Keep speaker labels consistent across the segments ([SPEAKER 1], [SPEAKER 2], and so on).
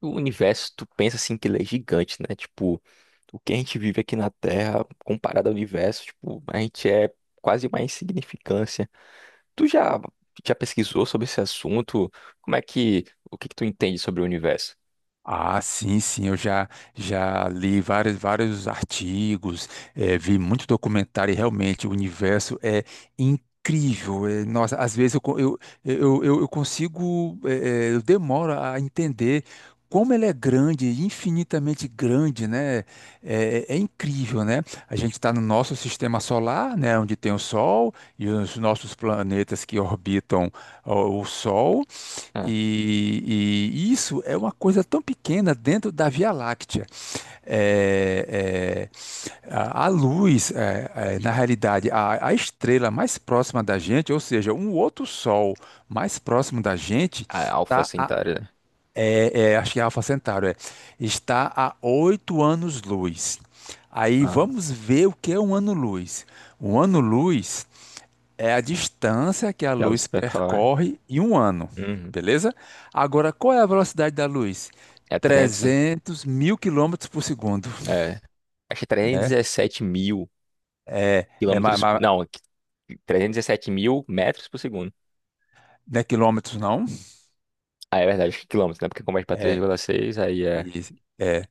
[SPEAKER 1] O universo, tu pensa assim que ele é gigante, né? Tipo, o que a gente vive aqui na Terra, comparado ao universo, tipo, a gente é quase uma insignificância. Tu já pesquisou sobre esse assunto? Como é que, o que que tu entende sobre o universo?
[SPEAKER 2] Ah, sim, sim, eu já li vários artigos, vi muito documentário e realmente o universo é incrível. Nossa, às vezes eu, co- eu consigo, eu demoro a entender como ele é grande, infinitamente grande, né? É incrível, né? A gente está no nosso sistema solar, né, onde tem o Sol e os nossos planetas que orbitam ó, o Sol.
[SPEAKER 1] Ah,
[SPEAKER 2] E isso é uma coisa tão pequena dentro da Via Láctea. É, é, a luz, na realidade, a estrela mais próxima da gente, ou seja, um outro sol mais próximo da gente,
[SPEAKER 1] a Alpha
[SPEAKER 2] está a,
[SPEAKER 1] Centauri, né?
[SPEAKER 2] é, é, Acho que é Alfa Centauro. Está a 8 anos-luz. Aí
[SPEAKER 1] Ah,
[SPEAKER 2] vamos ver o que é um ano-luz. Um ano-luz é a distância que a
[SPEAKER 1] já ouvi
[SPEAKER 2] luz
[SPEAKER 1] explicar é.
[SPEAKER 2] percorre em um ano,
[SPEAKER 1] Uhum.
[SPEAKER 2] beleza? Agora, qual é a velocidade da luz?
[SPEAKER 1] É 300,
[SPEAKER 2] 300 mil quilômetros por segundo,
[SPEAKER 1] é, acho que é
[SPEAKER 2] né?
[SPEAKER 1] 317 mil
[SPEAKER 2] É, é, ma-
[SPEAKER 1] quilômetros,
[SPEAKER 2] ma-
[SPEAKER 1] não, 317 mil metros por segundo.
[SPEAKER 2] não é quilômetros, não?
[SPEAKER 1] Ah, é verdade, acho que quilômetros, né? Porque converte pra três
[SPEAKER 2] É,
[SPEAKER 1] vírgula seis aí é,
[SPEAKER 2] isso, é,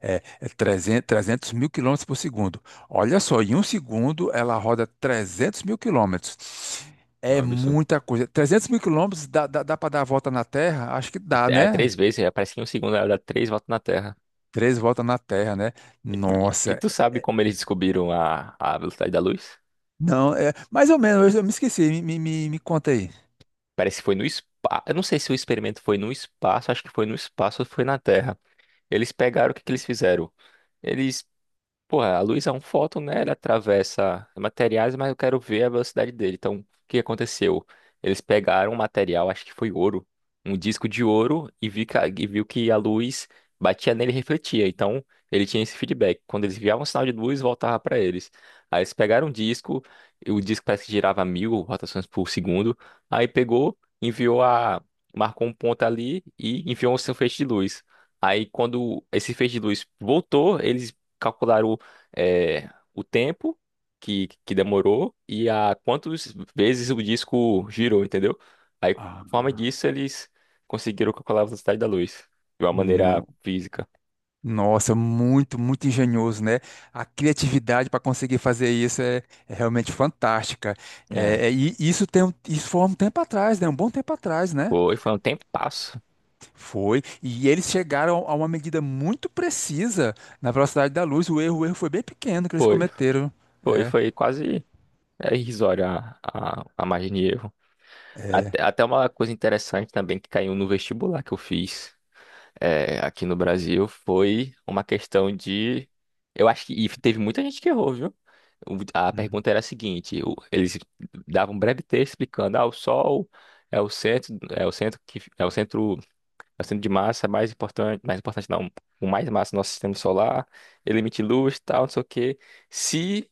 [SPEAKER 2] é, é 300 300 mil quilômetros por segundo. Olha só, em um segundo ela roda 300 mil quilômetros.
[SPEAKER 1] é um
[SPEAKER 2] É
[SPEAKER 1] absurdo.
[SPEAKER 2] muita coisa. 300 mil quilômetros dá para dar a volta na Terra? Acho que dá,
[SPEAKER 1] É
[SPEAKER 2] né?
[SPEAKER 1] três vezes, é, parece que em um segundo ela dá três voltas na Terra.
[SPEAKER 2] Três voltas na Terra, né?
[SPEAKER 1] E
[SPEAKER 2] Nossa.
[SPEAKER 1] tu sabe como eles descobriram a velocidade da luz?
[SPEAKER 2] Não, é mais ou menos, eu me esqueci, me conta aí.
[SPEAKER 1] Parece que foi no espaço. Eu não sei se o experimento foi no espaço, acho que foi no espaço ou foi na Terra. Eles pegaram, o que que eles fizeram? Eles Porra, a luz é um fóton, né? Ele atravessa materiais, mas eu quero ver a velocidade dele. Então, o que aconteceu? Eles pegaram um material, acho que foi ouro, um disco de ouro, e, vi que e viu que a luz batia nele e refletia. Então, ele tinha esse feedback. Quando eles enviavam um sinal de luz, voltava para eles. Aí eles pegaram um disco, e o disco parece que girava mil rotações por segundo. Aí pegou, enviou a. marcou um ponto ali e enviou um seu feixe de luz. Aí, quando esse feixe de luz voltou, eles calcularam o tempo que demorou e a quantas vezes o disco girou, entendeu? Aí, por
[SPEAKER 2] Ah,
[SPEAKER 1] forma disso, eles conseguiram calcular a velocidade da luz de uma maneira
[SPEAKER 2] não.
[SPEAKER 1] física.
[SPEAKER 2] Nossa, muito, muito engenhoso, né? A criatividade para conseguir fazer isso é realmente fantástica.
[SPEAKER 1] É,
[SPEAKER 2] E isso foi há um tempo atrás, né? Um bom tempo atrás, né?
[SPEAKER 1] foi um tempo passo.
[SPEAKER 2] Foi. E eles chegaram a uma medida muito precisa na velocidade da luz. O erro foi bem pequeno que eles
[SPEAKER 1] Foi,
[SPEAKER 2] cometeram.
[SPEAKER 1] foi,
[SPEAKER 2] É.
[SPEAKER 1] foi quase irrisório a margem de erro.
[SPEAKER 2] É.
[SPEAKER 1] Até uma coisa interessante também que caiu no vestibular que eu fiz. Aqui no Brasil foi uma questão de. Eu acho que teve muita gente que errou, viu? A
[SPEAKER 2] Hum,
[SPEAKER 1] pergunta era a seguinte: eles davam um breve texto explicando, ah, o Sol é o centro que é o centro de massa mais importante não, com mais massa do nosso sistema solar, ele emite luz, tal, não sei o quê. Se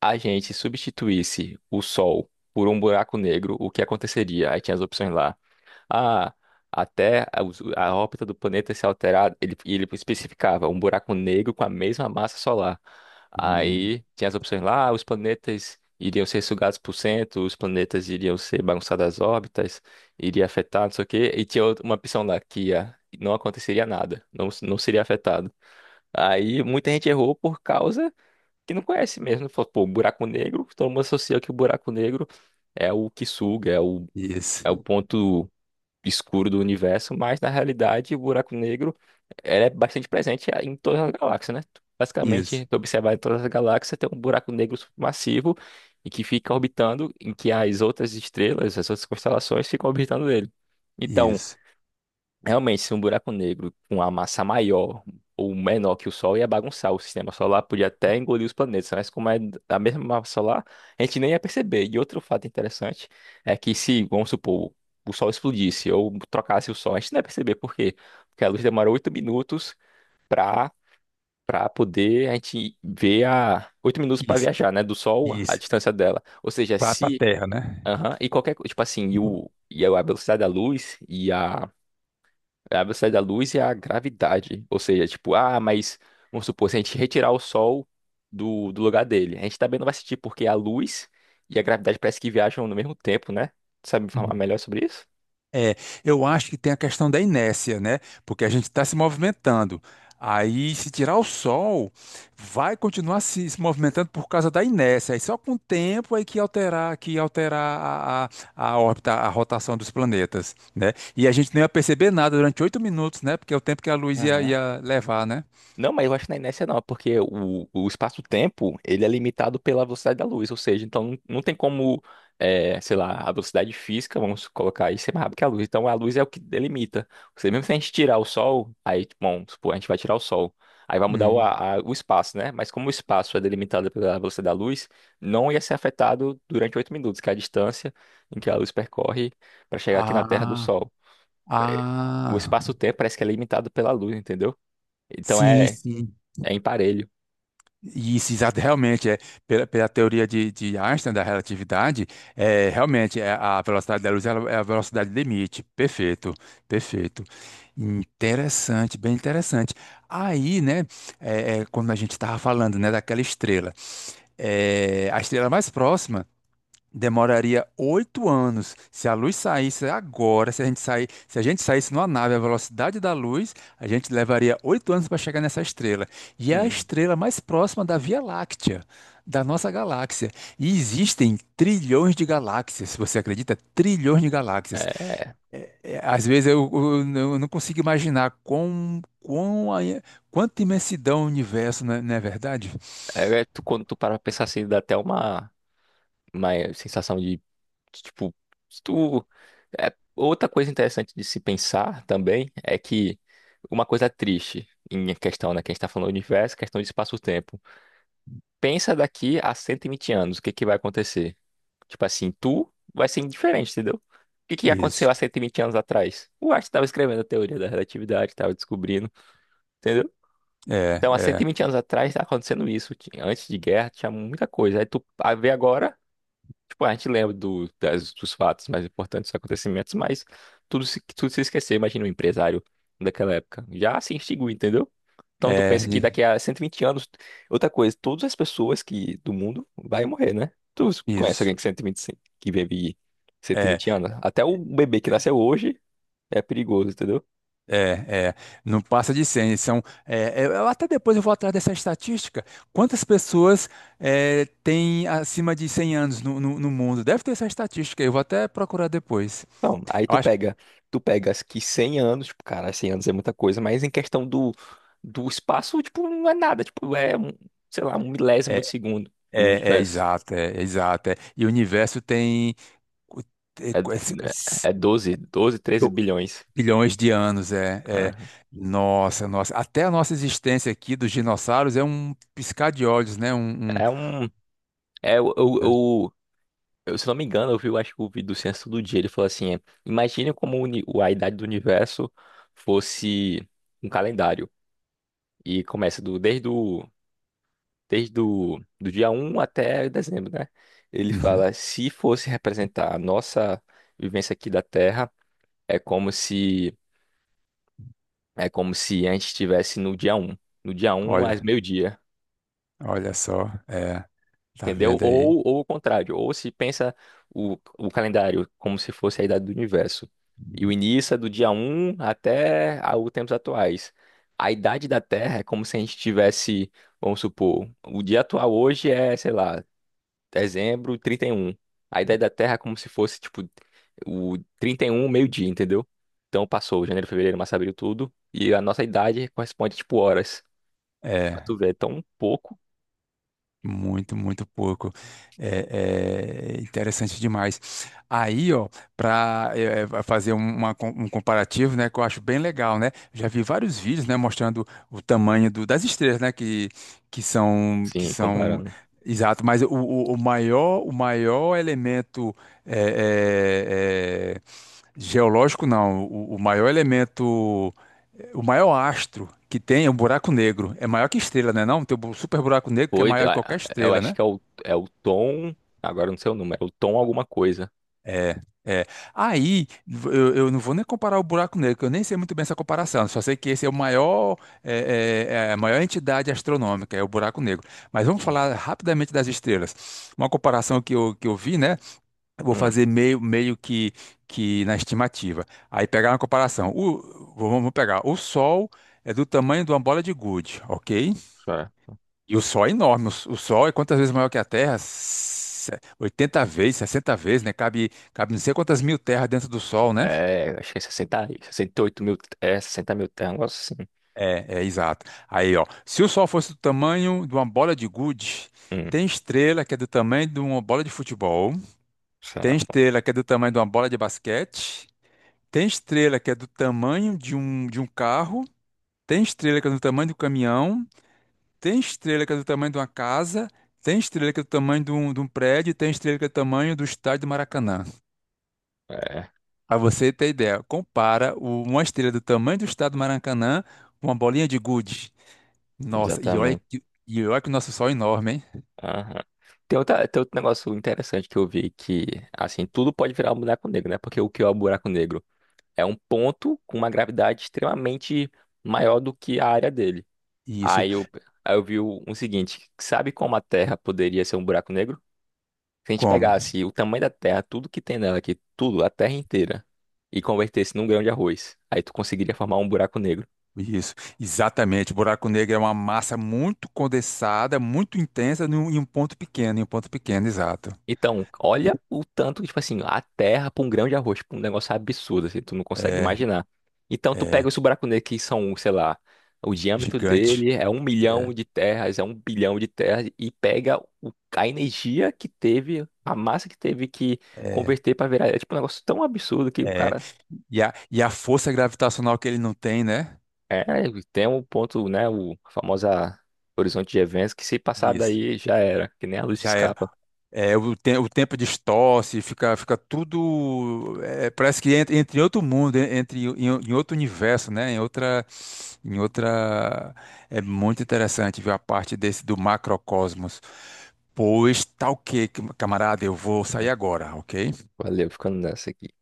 [SPEAKER 1] a gente substituísse o Sol por um buraco negro, o que aconteceria? Aí tinha as opções lá a, a a órbita do planeta se alterar, e ele especificava um buraco negro com a mesma massa solar.
[SPEAKER 2] hum.
[SPEAKER 1] Aí tinha as opções lá: "Ah, os planetas iriam ser sugados por cento, os planetas iriam ser bagunçados as órbitas, iria afetar, não sei o quê", e tinha uma opção lá que ia, não aconteceria nada, não, não seria afetado. Aí muita gente errou por causa que não conhece mesmo. Falou, pô, buraco negro, todo mundo associa que o buraco negro é o que suga, é o
[SPEAKER 2] Isso,
[SPEAKER 1] ponto escuro do universo, mas na realidade o buraco negro ele é bastante presente em todas as galáxias, né? Basicamente,
[SPEAKER 2] isso,
[SPEAKER 1] tu observar em todas as galáxias tem um buraco negro massivo e que fica orbitando, em que as outras estrelas, as outras constelações ficam orbitando ele. Então,
[SPEAKER 2] isso,
[SPEAKER 1] realmente, se um buraco negro com uma massa maior ou menor que o Sol ia bagunçar o sistema solar, podia até engolir os planetas, mas como é da mesma massa solar, a gente nem ia perceber. E outro fato interessante é que se, vamos supor, o Sol explodisse ou trocasse o Sol, a gente não ia perceber por quê? Porque a luz demorou 8 minutos para para poder a gente ver a 8 minutos para
[SPEAKER 2] isso,
[SPEAKER 1] viajar, né, do Sol à
[SPEAKER 2] isso.
[SPEAKER 1] distância dela. Ou seja,
[SPEAKER 2] Para a
[SPEAKER 1] se
[SPEAKER 2] Terra, né?
[SPEAKER 1] Aham. E qualquer coisa, tipo assim, e, o, e a velocidade da luz e a velocidade da luz é a gravidade. Ou seja, tipo, ah, mas vamos supor, se a gente retirar o Sol do lugar dele, a gente também não vai sentir, porque a luz e a gravidade parece que viajam no mesmo tempo, né? Tu sabe me informar melhor sobre isso?
[SPEAKER 2] É, eu acho que tem a questão da inércia, né? Porque a gente está se movimentando. Aí, se tirar o Sol, vai continuar se movimentando por causa da inércia. Aí só com o tempo é que alterar, a, a órbita, a rotação dos planetas, né? E a gente não ia perceber nada durante 8 minutos, né? Porque é o tempo que a luz ia levar, né?
[SPEAKER 1] Não, mas eu acho que na inércia não, porque o espaço-tempo, ele é limitado pela velocidade da luz, ou seja, então não tem como, sei lá, a velocidade física, vamos colocar aí, ser mais rápido que a luz. Então a luz é o que delimita. Ou seja, mesmo se a gente tirar o sol, aí, tipo, vamos supor, a gente vai tirar o sol, aí vai mudar o,
[SPEAKER 2] Hum.
[SPEAKER 1] a- a- o espaço, né? Mas como o espaço é delimitado pela velocidade da luz, não ia ser afetado durante 8 minutos, que é a distância em que a luz percorre para chegar aqui na Terra do
[SPEAKER 2] Ah,
[SPEAKER 1] Sol. Eh, O
[SPEAKER 2] ah,
[SPEAKER 1] espaço-tempo parece que é limitado pela luz, entendeu? Então
[SPEAKER 2] sim,
[SPEAKER 1] é,
[SPEAKER 2] sim.
[SPEAKER 1] é imparelho.
[SPEAKER 2] E isso, exato, realmente, pela teoria de Einstein, da relatividade, realmente a velocidade da luz ela é a velocidade limite. Perfeito, perfeito. Interessante, bem interessante. Aí, né, quando a gente estava falando, né, daquela estrela, a estrela mais próxima. Demoraria 8 anos. Se a luz saísse agora, se a gente saísse numa nave à velocidade da luz, a gente levaria 8 anos para chegar nessa estrela. E é a
[SPEAKER 1] Hum,
[SPEAKER 2] estrela mais próxima da Via Láctea, da nossa galáxia. E existem trilhões de galáxias. Você acredita? Trilhões de galáxias.
[SPEAKER 1] é,
[SPEAKER 2] Às vezes eu não consigo imaginar quanta imensidão o universo, não é verdade?
[SPEAKER 1] Quando tu para pra pensar assim, dá até uma sensação de, tipo, se tu, é, outra coisa interessante de se pensar também é que uma coisa triste em questão, né, que a gente tá falando do universo, questão de espaço-tempo. Pensa daqui a 120 anos, o que que vai acontecer? Tipo assim, tu vai ser indiferente, entendeu? O que que aconteceu
[SPEAKER 2] Isso.
[SPEAKER 1] há 120 anos atrás? O Einstein tava escrevendo a teoria da relatividade, tava descobrindo, entendeu? Então, há
[SPEAKER 2] É,
[SPEAKER 1] 120 anos atrás tá acontecendo isso. Antes de guerra tinha muita coisa. Aí tu a ver agora, tipo, a gente lembra dos fatos mais importantes, dos acontecimentos, mas tudo se esqueceu. Imagina um empresário daquela época. Já se extinguiu, entendeu? Então tu
[SPEAKER 2] é, é,
[SPEAKER 1] pensa que
[SPEAKER 2] ni-
[SPEAKER 1] daqui a 120 anos, outra coisa, todas as pessoas que do mundo vai morrer, né? Tu conhece alguém
[SPEAKER 2] isso.
[SPEAKER 1] que 120, que vive
[SPEAKER 2] É.
[SPEAKER 1] 120 anos? Até o bebê que nasceu hoje é perigoso, entendeu?
[SPEAKER 2] É, é, não passa de 100. Eu até depois eu vou atrás dessa estatística. Quantas pessoas têm acima de 100 anos no mundo? Deve ter essa estatística. Eu vou até procurar depois.
[SPEAKER 1] Não, aí
[SPEAKER 2] Eu acho,
[SPEAKER 1] tu pegas que 100 anos, tipo, cara, 100 anos é muita coisa, mas em questão do espaço, tipo, não é nada, tipo, um, sei lá, um milésimo de
[SPEAKER 2] é,
[SPEAKER 1] segundo
[SPEAKER 2] é,
[SPEAKER 1] do
[SPEAKER 2] . É
[SPEAKER 1] universo.
[SPEAKER 2] exato. Exato. É. E o universo tem cu- é,
[SPEAKER 1] É,
[SPEAKER 2] cu- é, se- se-
[SPEAKER 1] é é 12 12, 13
[SPEAKER 2] do-
[SPEAKER 1] bilhões.
[SPEAKER 2] bilhões de anos. É.
[SPEAKER 1] Ah,
[SPEAKER 2] Nossa, nossa. Até a nossa existência aqui dos dinossauros é um piscar de olhos, né? Um, um-
[SPEAKER 1] É um, é o,
[SPEAKER 2] é.
[SPEAKER 1] o, o- eu, se não me engano, eu vi, eu acho que o vídeo do Ciência do Dia, ele falou assim, imagine como a idade do universo fosse um calendário, e começa do, desde o desde o do dia um até dezembro, né? Ele
[SPEAKER 2] Uhum.
[SPEAKER 1] fala: se fosse representar a nossa vivência aqui da Terra, é como se é como se a gente estivesse no dia um, no dia um às
[SPEAKER 2] Olha.
[SPEAKER 1] meio-dia,
[SPEAKER 2] Olha só, tá
[SPEAKER 1] entendeu?
[SPEAKER 2] vendo aí?
[SPEAKER 1] Ou o contrário, ou se pensa o calendário como se fosse a idade do universo. E o início é do dia um até os tempos atuais. A idade da Terra é como se a gente tivesse, vamos supor, o dia atual hoje é, sei lá, dezembro e 31. A ideia da Terra é como se fosse, tipo, o 31 meio-dia, entendeu? Então passou janeiro, fevereiro, março, abril, tudo. E a nossa idade corresponde, tipo, horas. Pra
[SPEAKER 2] É,
[SPEAKER 1] tu ver, é tão pouco.
[SPEAKER 2] muito, muito pouco. É interessante demais. Aí, ó, para fazer um comparativo, né, que eu acho bem legal, né? Já vi vários vídeos, né, mostrando o tamanho das estrelas, né, que, que são, que
[SPEAKER 1] Sim,
[SPEAKER 2] são
[SPEAKER 1] comparando.
[SPEAKER 2] exato, mas o, o maior elemento é, é, é, geológico, não, o maior elemento. O maior astro que tem é um buraco negro. É maior que estrela, né? Não, tem o super buraco negro que é
[SPEAKER 1] Oito,
[SPEAKER 2] maior que qualquer
[SPEAKER 1] ah, eu
[SPEAKER 2] estrela,
[SPEAKER 1] acho
[SPEAKER 2] né?
[SPEAKER 1] que é o, é o tom. Agora eu não sei o número, é o tom alguma coisa.
[SPEAKER 2] É, é. Aí, eu não vou nem comparar o buraco negro, que eu nem sei muito bem essa comparação. Só sei que esse é o maior, é a maior entidade astronômica, é o buraco negro. Mas vamos
[SPEAKER 1] Hum,
[SPEAKER 2] falar rapidamente das estrelas. Uma comparação que eu vi, né? Eu vou
[SPEAKER 1] hum,
[SPEAKER 2] fazer meio, meio que, na estimativa. Aí pegar uma comparação. Vamos pegar. O Sol é do tamanho de uma bola de gude, ok?
[SPEAKER 1] só.
[SPEAKER 2] E o Sol é enorme. O Sol é quantas vezes maior que a Terra? 80 vezes, 60 vezes, né? Cabe não sei quantas mil terras dentro do Sol, né?
[SPEAKER 1] É, acho que é sessenta, 68.000. É, 60.000, é um negócio assim.
[SPEAKER 2] É exato. Aí, ó. Se o Sol fosse do tamanho de uma bola de gude,
[SPEAKER 1] Hum,
[SPEAKER 2] tem estrela que é do tamanho de uma bola de futebol,
[SPEAKER 1] só.
[SPEAKER 2] tem estrela que é do tamanho de uma bola de basquete, tem estrela que é do tamanho de um carro, tem estrela que é do tamanho do caminhão, tem estrela que é do tamanho de uma casa, tem estrela que é do tamanho de um prédio, tem estrela que é do tamanho do estádio do Maracanã.
[SPEAKER 1] É,
[SPEAKER 2] Pra você ter ideia, compara uma estrela do tamanho do estádio do Maracanã com uma bolinha de gude. Nossa, e olha
[SPEAKER 1] exatamente.
[SPEAKER 2] que, e olha que o nosso Sol é enorme, hein?
[SPEAKER 1] Aham. Tem, outra, tem outro negócio interessante que eu vi que, assim, tudo pode virar um buraco negro, né? Porque o que é o buraco negro? É um ponto com uma gravidade extremamente maior do que a área dele.
[SPEAKER 2] Isso,
[SPEAKER 1] Aí eu, aí eu vi o seguinte, sabe como a Terra poderia ser um buraco negro? Se a gente
[SPEAKER 2] como?
[SPEAKER 1] pegasse o tamanho da Terra, tudo que tem nela aqui, tudo, a Terra inteira, e convertesse num grão de arroz, aí tu conseguiria formar um buraco negro.
[SPEAKER 2] Isso, exatamente. O buraco negro é uma massa muito condensada, muito intensa em um ponto pequeno, em um ponto pequeno, exato.
[SPEAKER 1] Então, olha o tanto, que tipo assim, a terra pra um grão de arroz, tipo, um negócio absurdo, assim, tu não consegue
[SPEAKER 2] É,
[SPEAKER 1] imaginar. Então, tu pega
[SPEAKER 2] é,
[SPEAKER 1] esse buraco negro que são, sei lá, o diâmetro
[SPEAKER 2] gigante.
[SPEAKER 1] dele é um
[SPEAKER 2] É.
[SPEAKER 1] milhão de terras, é um bilhão de terras, e pega a energia que teve, a massa que teve que
[SPEAKER 2] É.
[SPEAKER 1] converter pra virar. É tipo um negócio tão absurdo que o
[SPEAKER 2] É,
[SPEAKER 1] cara.
[SPEAKER 2] e a força gravitacional que ele não tem, né?
[SPEAKER 1] É, tem um ponto, né, o a famosa horizonte de eventos, que se passar
[SPEAKER 2] Isso.
[SPEAKER 1] daí já era, que nem a luz
[SPEAKER 2] Já era.
[SPEAKER 1] escapa.
[SPEAKER 2] O tempo distorce, fica tudo. Parece que entra em outro mundo, en- entre em, em em outro universo, né? Em outra, em outra. É muito interessante ver a parte desse do macrocosmos. Pois tá ok, camarada, eu vou sair
[SPEAKER 1] É,
[SPEAKER 2] agora, ok?
[SPEAKER 1] valeu, ficando nessa aqui.